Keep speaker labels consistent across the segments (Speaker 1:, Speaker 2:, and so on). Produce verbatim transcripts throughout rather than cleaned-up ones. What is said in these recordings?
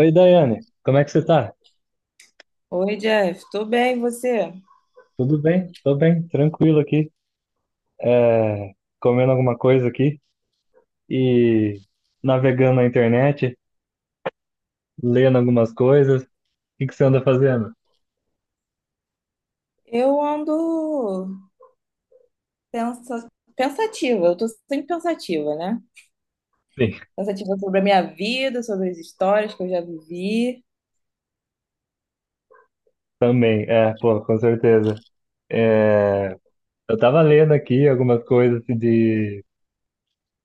Speaker 1: Oi, Daiane, como é que você tá?
Speaker 2: Oi, Jeff, tudo bem, e você?
Speaker 1: Tudo bem? Tô bem, tranquilo aqui. É, comendo alguma coisa aqui e navegando na internet, lendo algumas coisas. O que que você anda fazendo?
Speaker 2: Eu ando pensa- pensativa, eu tô sempre pensativa, né?
Speaker 1: Sim,
Speaker 2: Pensativa sobre a minha vida, sobre as histórias que eu já vivi.
Speaker 1: também, é, pô, com certeza. É, eu tava lendo aqui algumas coisas de,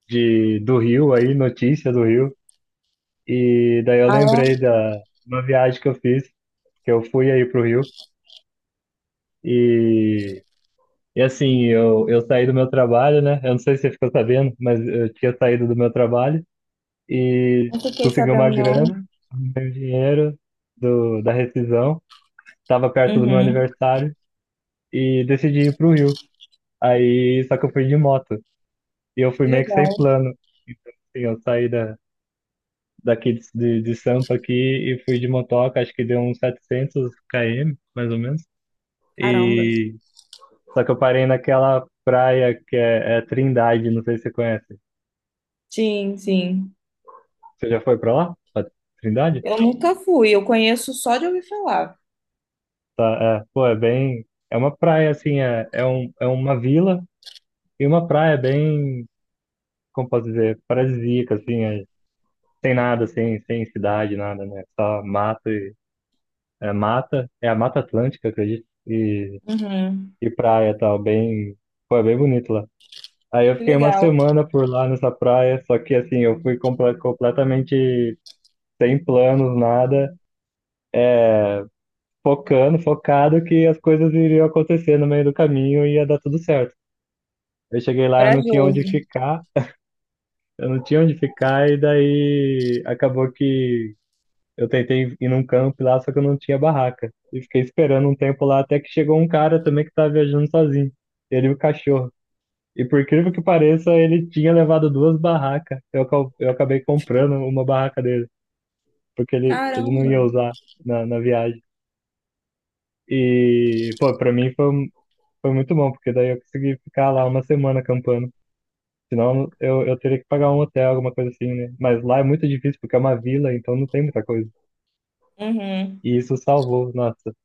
Speaker 1: de, do Rio aí, notícia do Rio, e daí eu
Speaker 2: Ah,
Speaker 1: lembrei
Speaker 2: é?
Speaker 1: da uma viagem que eu fiz, que eu fui aí pro Rio. E assim, eu, eu saí do meu trabalho, né? Eu não sei se você ficou sabendo, mas eu tinha saído do meu trabalho e
Speaker 2: Não fiquei
Speaker 1: consegui uma
Speaker 2: sabendo, não.
Speaker 1: grana, dinheiro do, da rescisão. Tava perto do meu
Speaker 2: Uhum,
Speaker 1: aniversário e decidi ir pro Rio. Aí, só que eu fui de moto e eu fui
Speaker 2: que
Speaker 1: meio que sem
Speaker 2: legal.
Speaker 1: plano. Então, assim, eu saí da, daqui de, de, de Sampa aqui e fui de motoca, acho que deu uns setecentos quilômetros, mais ou menos.
Speaker 2: Caramba.
Speaker 1: E só que eu parei naquela praia que é, é Trindade, não sei se você conhece.
Speaker 2: Sim, sim.
Speaker 1: Você já foi pra lá? Pra Trindade?
Speaker 2: Eu nunca fui, eu conheço só de ouvir falar.
Speaker 1: Tá, é, pô, é bem. É uma praia, assim, é, é, um, é uma vila e uma praia bem, como posso dizer, paradisíaca, assim, é, sem nada, assim, sem cidade, nada, né? Só mato e. É mata, é a Mata Atlântica, acredito, e,
Speaker 2: Uhum,
Speaker 1: e praia e tal, bem. Pô, é bem bonito lá. Aí eu
Speaker 2: que
Speaker 1: fiquei uma
Speaker 2: legal.
Speaker 1: semana por lá nessa praia, só que, assim, eu fui comple- completamente sem planos, nada. Focando, focado que as coisas iriam acontecer no meio do caminho e ia dar tudo certo. Eu cheguei lá, eu não tinha
Speaker 2: Corajoso.
Speaker 1: onde ficar, eu não tinha onde ficar, e daí acabou que eu tentei ir num campo lá, só que eu não tinha barraca. E fiquei esperando um tempo lá até que chegou um cara também que estava viajando sozinho, ele e o cachorro. E por incrível que pareça, ele tinha levado duas barracas. Eu, acab- eu acabei comprando uma barraca dele, porque ele, ele não
Speaker 2: Caramba.
Speaker 1: ia usar na, na viagem. E, pô, pra mim foi, um. Foi muito bom, porque daí eu consegui ficar lá uma semana acampando. Senão eu, eu teria que pagar um hotel, alguma coisa assim, né? Mas lá é muito difícil, porque é uma vila, então não tem muita coisa.
Speaker 2: Uhum.
Speaker 1: E isso salvou, nossa.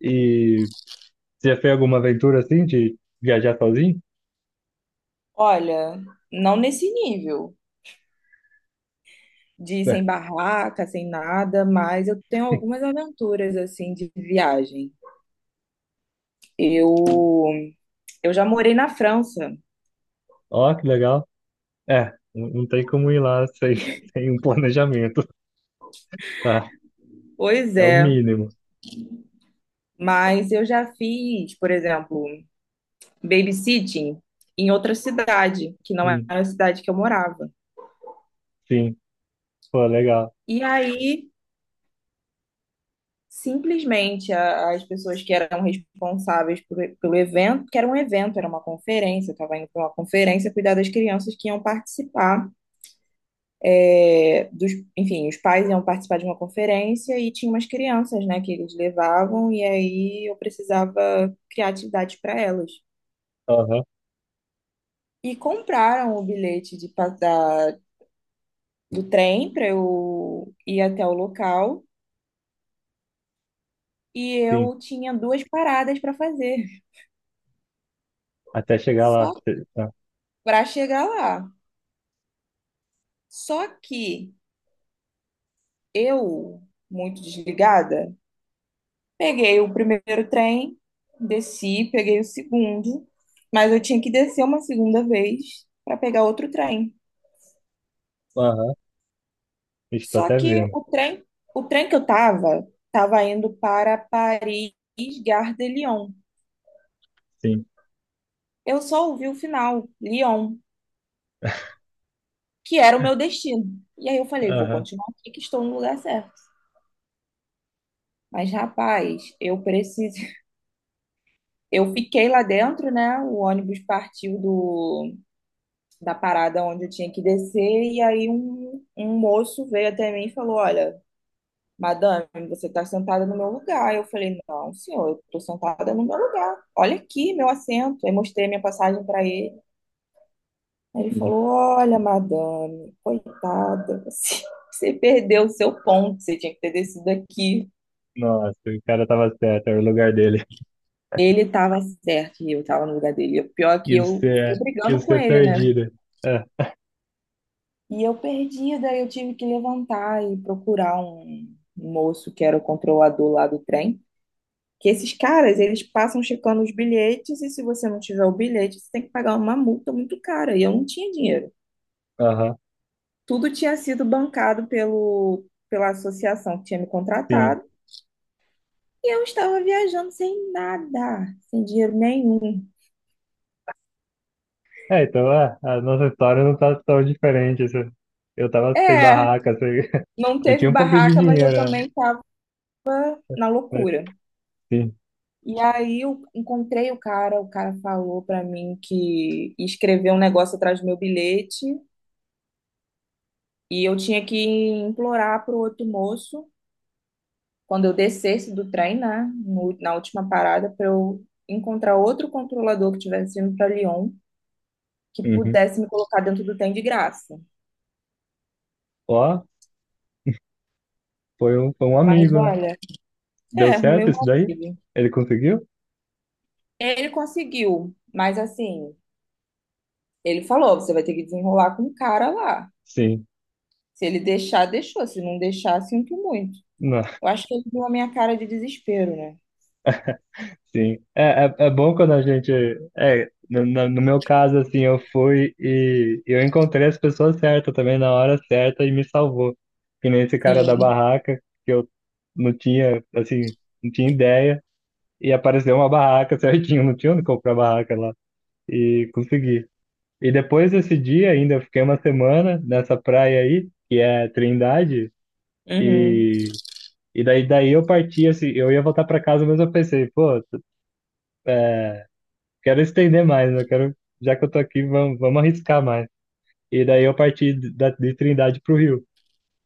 Speaker 1: E você já fez alguma aventura assim, de viajar sozinho?
Speaker 2: Olha, não nesse nível de ir
Speaker 1: É.
Speaker 2: sem barraca, sem nada, mas eu tenho algumas aventuras assim de viagem. Eu eu já morei na França.
Speaker 1: Ó, que legal. É, não não tem como ir lá sem, sem um planejamento, tá?
Speaker 2: Pois
Speaker 1: É o
Speaker 2: é,
Speaker 1: mínimo.
Speaker 2: mas eu já fiz, por exemplo, babysitting em outra cidade, que não era
Speaker 1: Sim,
Speaker 2: a cidade que eu morava.
Speaker 1: sim. Pô, legal.
Speaker 2: E aí, simplesmente, a- as pessoas que eram responsáveis por- pelo evento, que era um evento, era uma conferência, eu estava indo para uma conferência cuidar das crianças que iam participar. É, dos, enfim, os pais iam participar de uma conferência e tinha umas crianças, né, que eles levavam e aí eu precisava criar atividade para elas.
Speaker 1: Aham,
Speaker 2: E compraram o bilhete de, pa- da, do trem para eu ir até o local e
Speaker 1: sim.
Speaker 2: eu tinha duas paradas para fazer
Speaker 1: Até chegar lá.
Speaker 2: só
Speaker 1: Cê- tá.
Speaker 2: para chegar lá. Só que eu, muito desligada, peguei o primeiro trem, desci, peguei o segundo, mas eu tinha que descer uma segunda vez para pegar outro trem.
Speaker 1: Aham, estou
Speaker 2: Só
Speaker 1: até
Speaker 2: que
Speaker 1: vendo.
Speaker 2: o trem, o trem que eu tava, tava indo para Paris, Gare de Lyon.
Speaker 1: Sim.
Speaker 2: Eu só ouvi o final, Lyon, que era o meu destino. E aí eu falei, vou
Speaker 1: Aham.
Speaker 2: continuar aqui que estou no lugar certo. Mas, rapaz, eu preciso. Eu fiquei lá dentro, né? O ônibus partiu do da parada onde eu tinha que descer, e aí um, um moço veio até mim e falou: Olha, madame, você está sentada no meu lugar. Eu falei: Não, senhor, eu estou sentada no meu lugar. Olha aqui meu assento. Aí mostrei minha passagem para ele. Aí ele falou: Olha, madame, coitada, você, você perdeu o seu ponto, você tinha que ter descido aqui.
Speaker 1: Nossa, o cara tava certo, era o lugar dele.
Speaker 2: Ele estava certo e eu estava no lugar dele. E o pior é
Speaker 1: E
Speaker 2: que eu fiquei
Speaker 1: você, e
Speaker 2: brigando com
Speaker 1: você
Speaker 2: ele, né?
Speaker 1: perdida. É,
Speaker 2: E eu perdida, eu tive que levantar e procurar um moço que era o controlador lá do trem. Que esses caras, eles passam checando os bilhetes e se você não tiver o bilhete, você tem que pagar uma multa muito cara. E eu não tinha dinheiro.
Speaker 1: aham,
Speaker 2: Tudo tinha sido bancado pelo, pela associação que tinha me
Speaker 1: sim.
Speaker 2: contratado. E eu estava viajando sem nada, sem dinheiro nenhum.
Speaker 1: É, então é, a nossa história não tá tão diferente. Isso. Eu tava sem
Speaker 2: É,
Speaker 1: barraca, sem...
Speaker 2: não
Speaker 1: eu
Speaker 2: teve
Speaker 1: tinha um pouquinho de
Speaker 2: barraca, mas eu
Speaker 1: dinheiro, né?
Speaker 2: também estava na
Speaker 1: Mas
Speaker 2: loucura.
Speaker 1: sim.
Speaker 2: E aí eu encontrei o cara, o cara falou pra mim que escreveu um negócio atrás do meu bilhete e eu tinha que implorar pro outro moço, quando eu descesse do trem, né, no- na última parada, para eu encontrar outro controlador que estivesse indo para Lyon, que
Speaker 1: Uhum.
Speaker 2: pudesse me colocar dentro do trem de graça.
Speaker 1: Ó, foi um, foi um
Speaker 2: Mas
Speaker 1: amigo, né?
Speaker 2: olha,
Speaker 1: Deu
Speaker 2: é, arrumei
Speaker 1: certo
Speaker 2: uma
Speaker 1: isso daí?
Speaker 2: vida.
Speaker 1: Ele conseguiu?
Speaker 2: Ele conseguiu, mas assim, ele falou, você vai ter que desenrolar com o cara lá.
Speaker 1: Sim.
Speaker 2: Se ele deixar, deixou. Se não deixar, sinto muito.
Speaker 1: Não.
Speaker 2: Eu acho que ele viu a minha cara de desespero, né?
Speaker 1: Sim, é, é, é bom quando a gente. É, no, no no meu caso, assim, eu fui e eu encontrei as pessoas certas também na hora certa e me salvou. Que nem esse cara da
Speaker 2: Sim.
Speaker 1: barraca, que eu não tinha, assim, não tinha ideia, e apareceu uma barraca certinho, não tinha onde comprar barraca lá, e consegui. E depois desse dia ainda, eu fiquei uma semana nessa praia aí, que é Trindade,
Speaker 2: Uhum.
Speaker 1: e, e daí, daí eu parti, assim, eu ia voltar para casa, mas eu pensei, pô. Quero estender mais, eu quero, já que eu tô aqui, vamos, vamos arriscar mais. E daí eu parti de, da- de Trindade pro Rio,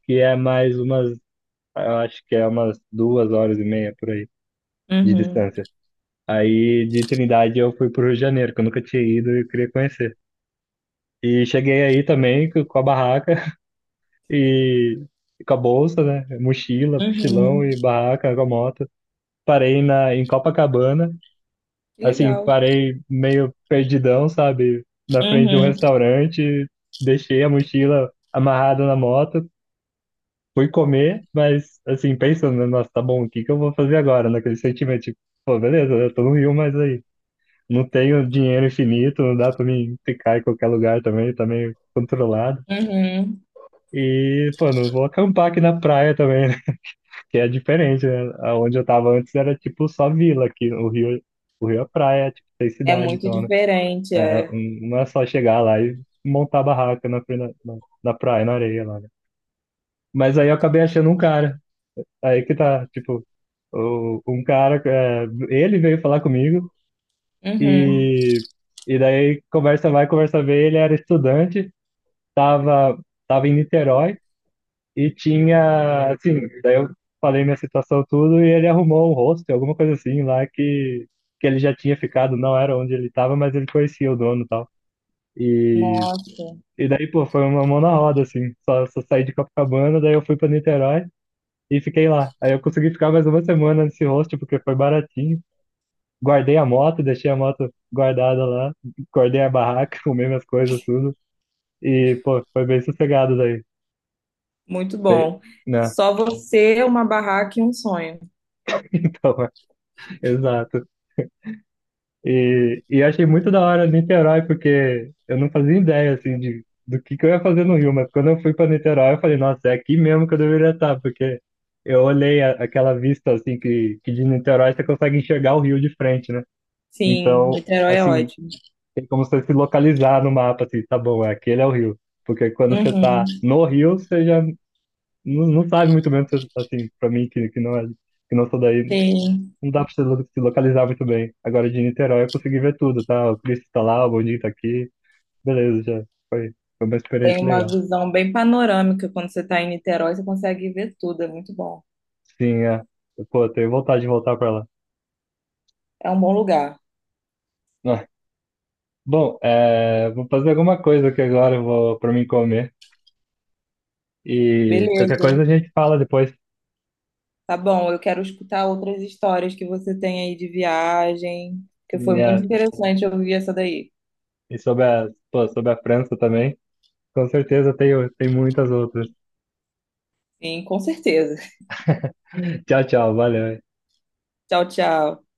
Speaker 1: que é mais umas, eu acho que é umas duas horas e meia por aí de
Speaker 2: Uhum.
Speaker 1: distância. Aí de Trindade eu fui pro Rio de Janeiro, que eu nunca tinha ido e eu queria conhecer. E cheguei aí também co- com a barraca e, e com a bolsa, né? Mochila, mochilão
Speaker 2: Uhum.
Speaker 1: e barraca com a moto. Parei na, em Copacabana
Speaker 2: Que
Speaker 1: assim,
Speaker 2: legal.
Speaker 1: parei meio perdidão, sabe? Na frente de um
Speaker 2: Uhum.
Speaker 1: restaurante, deixei a mochila amarrada na moto, fui comer, mas assim, pensando, né, nossa, tá bom, o que que eu vou fazer agora? Naquele sentimento, tipo, pô, beleza, eu tô no Rio, mas aí, não tenho dinheiro infinito, não dá pra mim ficar em qualquer lugar também, tá meio controlado.
Speaker 2: Uhum.
Speaker 1: E, pô, não vou acampar aqui na praia também, né? Que é diferente, né? Onde eu tava antes era tipo só vila aqui, o Rio, o Rio é praia, é, tipo, tem
Speaker 2: É
Speaker 1: cidade,
Speaker 2: muito
Speaker 1: então
Speaker 2: diferente,
Speaker 1: é,
Speaker 2: é.
Speaker 1: um- não é só chegar lá e montar barraca na, frente da- na, na praia, na areia lá, né? Mas aí eu acabei achando um cara. Aí que tá, tipo, o, um cara, é, ele veio falar comigo
Speaker 2: Uhum.
Speaker 1: e, e daí conversa vai, conversa vem, ele era estudante, tava, tava em Niterói e tinha, assim, daí eu falei minha situação tudo e ele arrumou um hostel, alguma coisa assim lá que, que ele já tinha ficado, não era onde ele tava, mas ele conhecia o dono e tal.
Speaker 2: Nossa,
Speaker 1: E daí, pô, foi uma mão na roda, assim. Só, só saí de Copacabana, daí eu fui pra Niterói e fiquei lá. Aí eu consegui ficar mais uma semana nesse hostel, porque foi baratinho. Guardei a moto, deixei a moto guardada lá, guardei a barraca, comi minhas coisas, tudo. E, pô, foi bem sossegado daí.
Speaker 2: muito
Speaker 1: Bem-
Speaker 2: bom.
Speaker 1: Né?
Speaker 2: Só você, uma barraca e um sonho.
Speaker 1: Então, é, exato. E, e achei muito da hora Niterói, porque eu não fazia ideia, assim, de, do que, que eu ia fazer no Rio, mas quando eu fui para Niterói, eu falei, nossa, é aqui mesmo que eu deveria estar, porque eu olhei a, aquela vista, assim, que, que de Niterói você consegue enxergar o Rio de frente, né?
Speaker 2: Sim,
Speaker 1: Então,
Speaker 2: Niterói é
Speaker 1: assim,
Speaker 2: ótimo.
Speaker 1: tem como você se localizar no mapa, assim, tá bom, é, aquele é o Rio. Porque quando você
Speaker 2: Uhum.
Speaker 1: tá no Rio, você já não, não sabe muito bem, se- assim, para mim, que, que não é, que não sou daí,
Speaker 2: Sim.
Speaker 1: não dá pra se lo- se localizar muito bem. Agora de Niterói eu consegui ver tudo, tá? O Cristo tá lá, o Boninho tá aqui. Beleza, já. Foi, foi uma
Speaker 2: Tem
Speaker 1: experiência
Speaker 2: uma
Speaker 1: legal.
Speaker 2: visão bem panorâmica quando você está em Niterói, você consegue ver tudo, é muito bom.
Speaker 1: Sim, é. Pô, eu tenho vontade de voltar pra lá.
Speaker 2: É um bom lugar.
Speaker 1: Ah, bom, é, vou fazer alguma coisa aqui agora, eu vou pra mim comer. E qualquer coisa
Speaker 2: Beleza.
Speaker 1: a gente fala depois.
Speaker 2: Tá bom, eu quero escutar outras histórias que você tem aí de viagem, que foi
Speaker 1: Sim,
Speaker 2: muito
Speaker 1: é.
Speaker 2: interessante ouvir essa daí.
Speaker 1: E sobre a, pô, sobre a França também. Com certeza tem, tem muitas outras.
Speaker 2: Sim, com certeza.
Speaker 1: Tchau, tchau. Valeu.
Speaker 2: Tchau, tchau.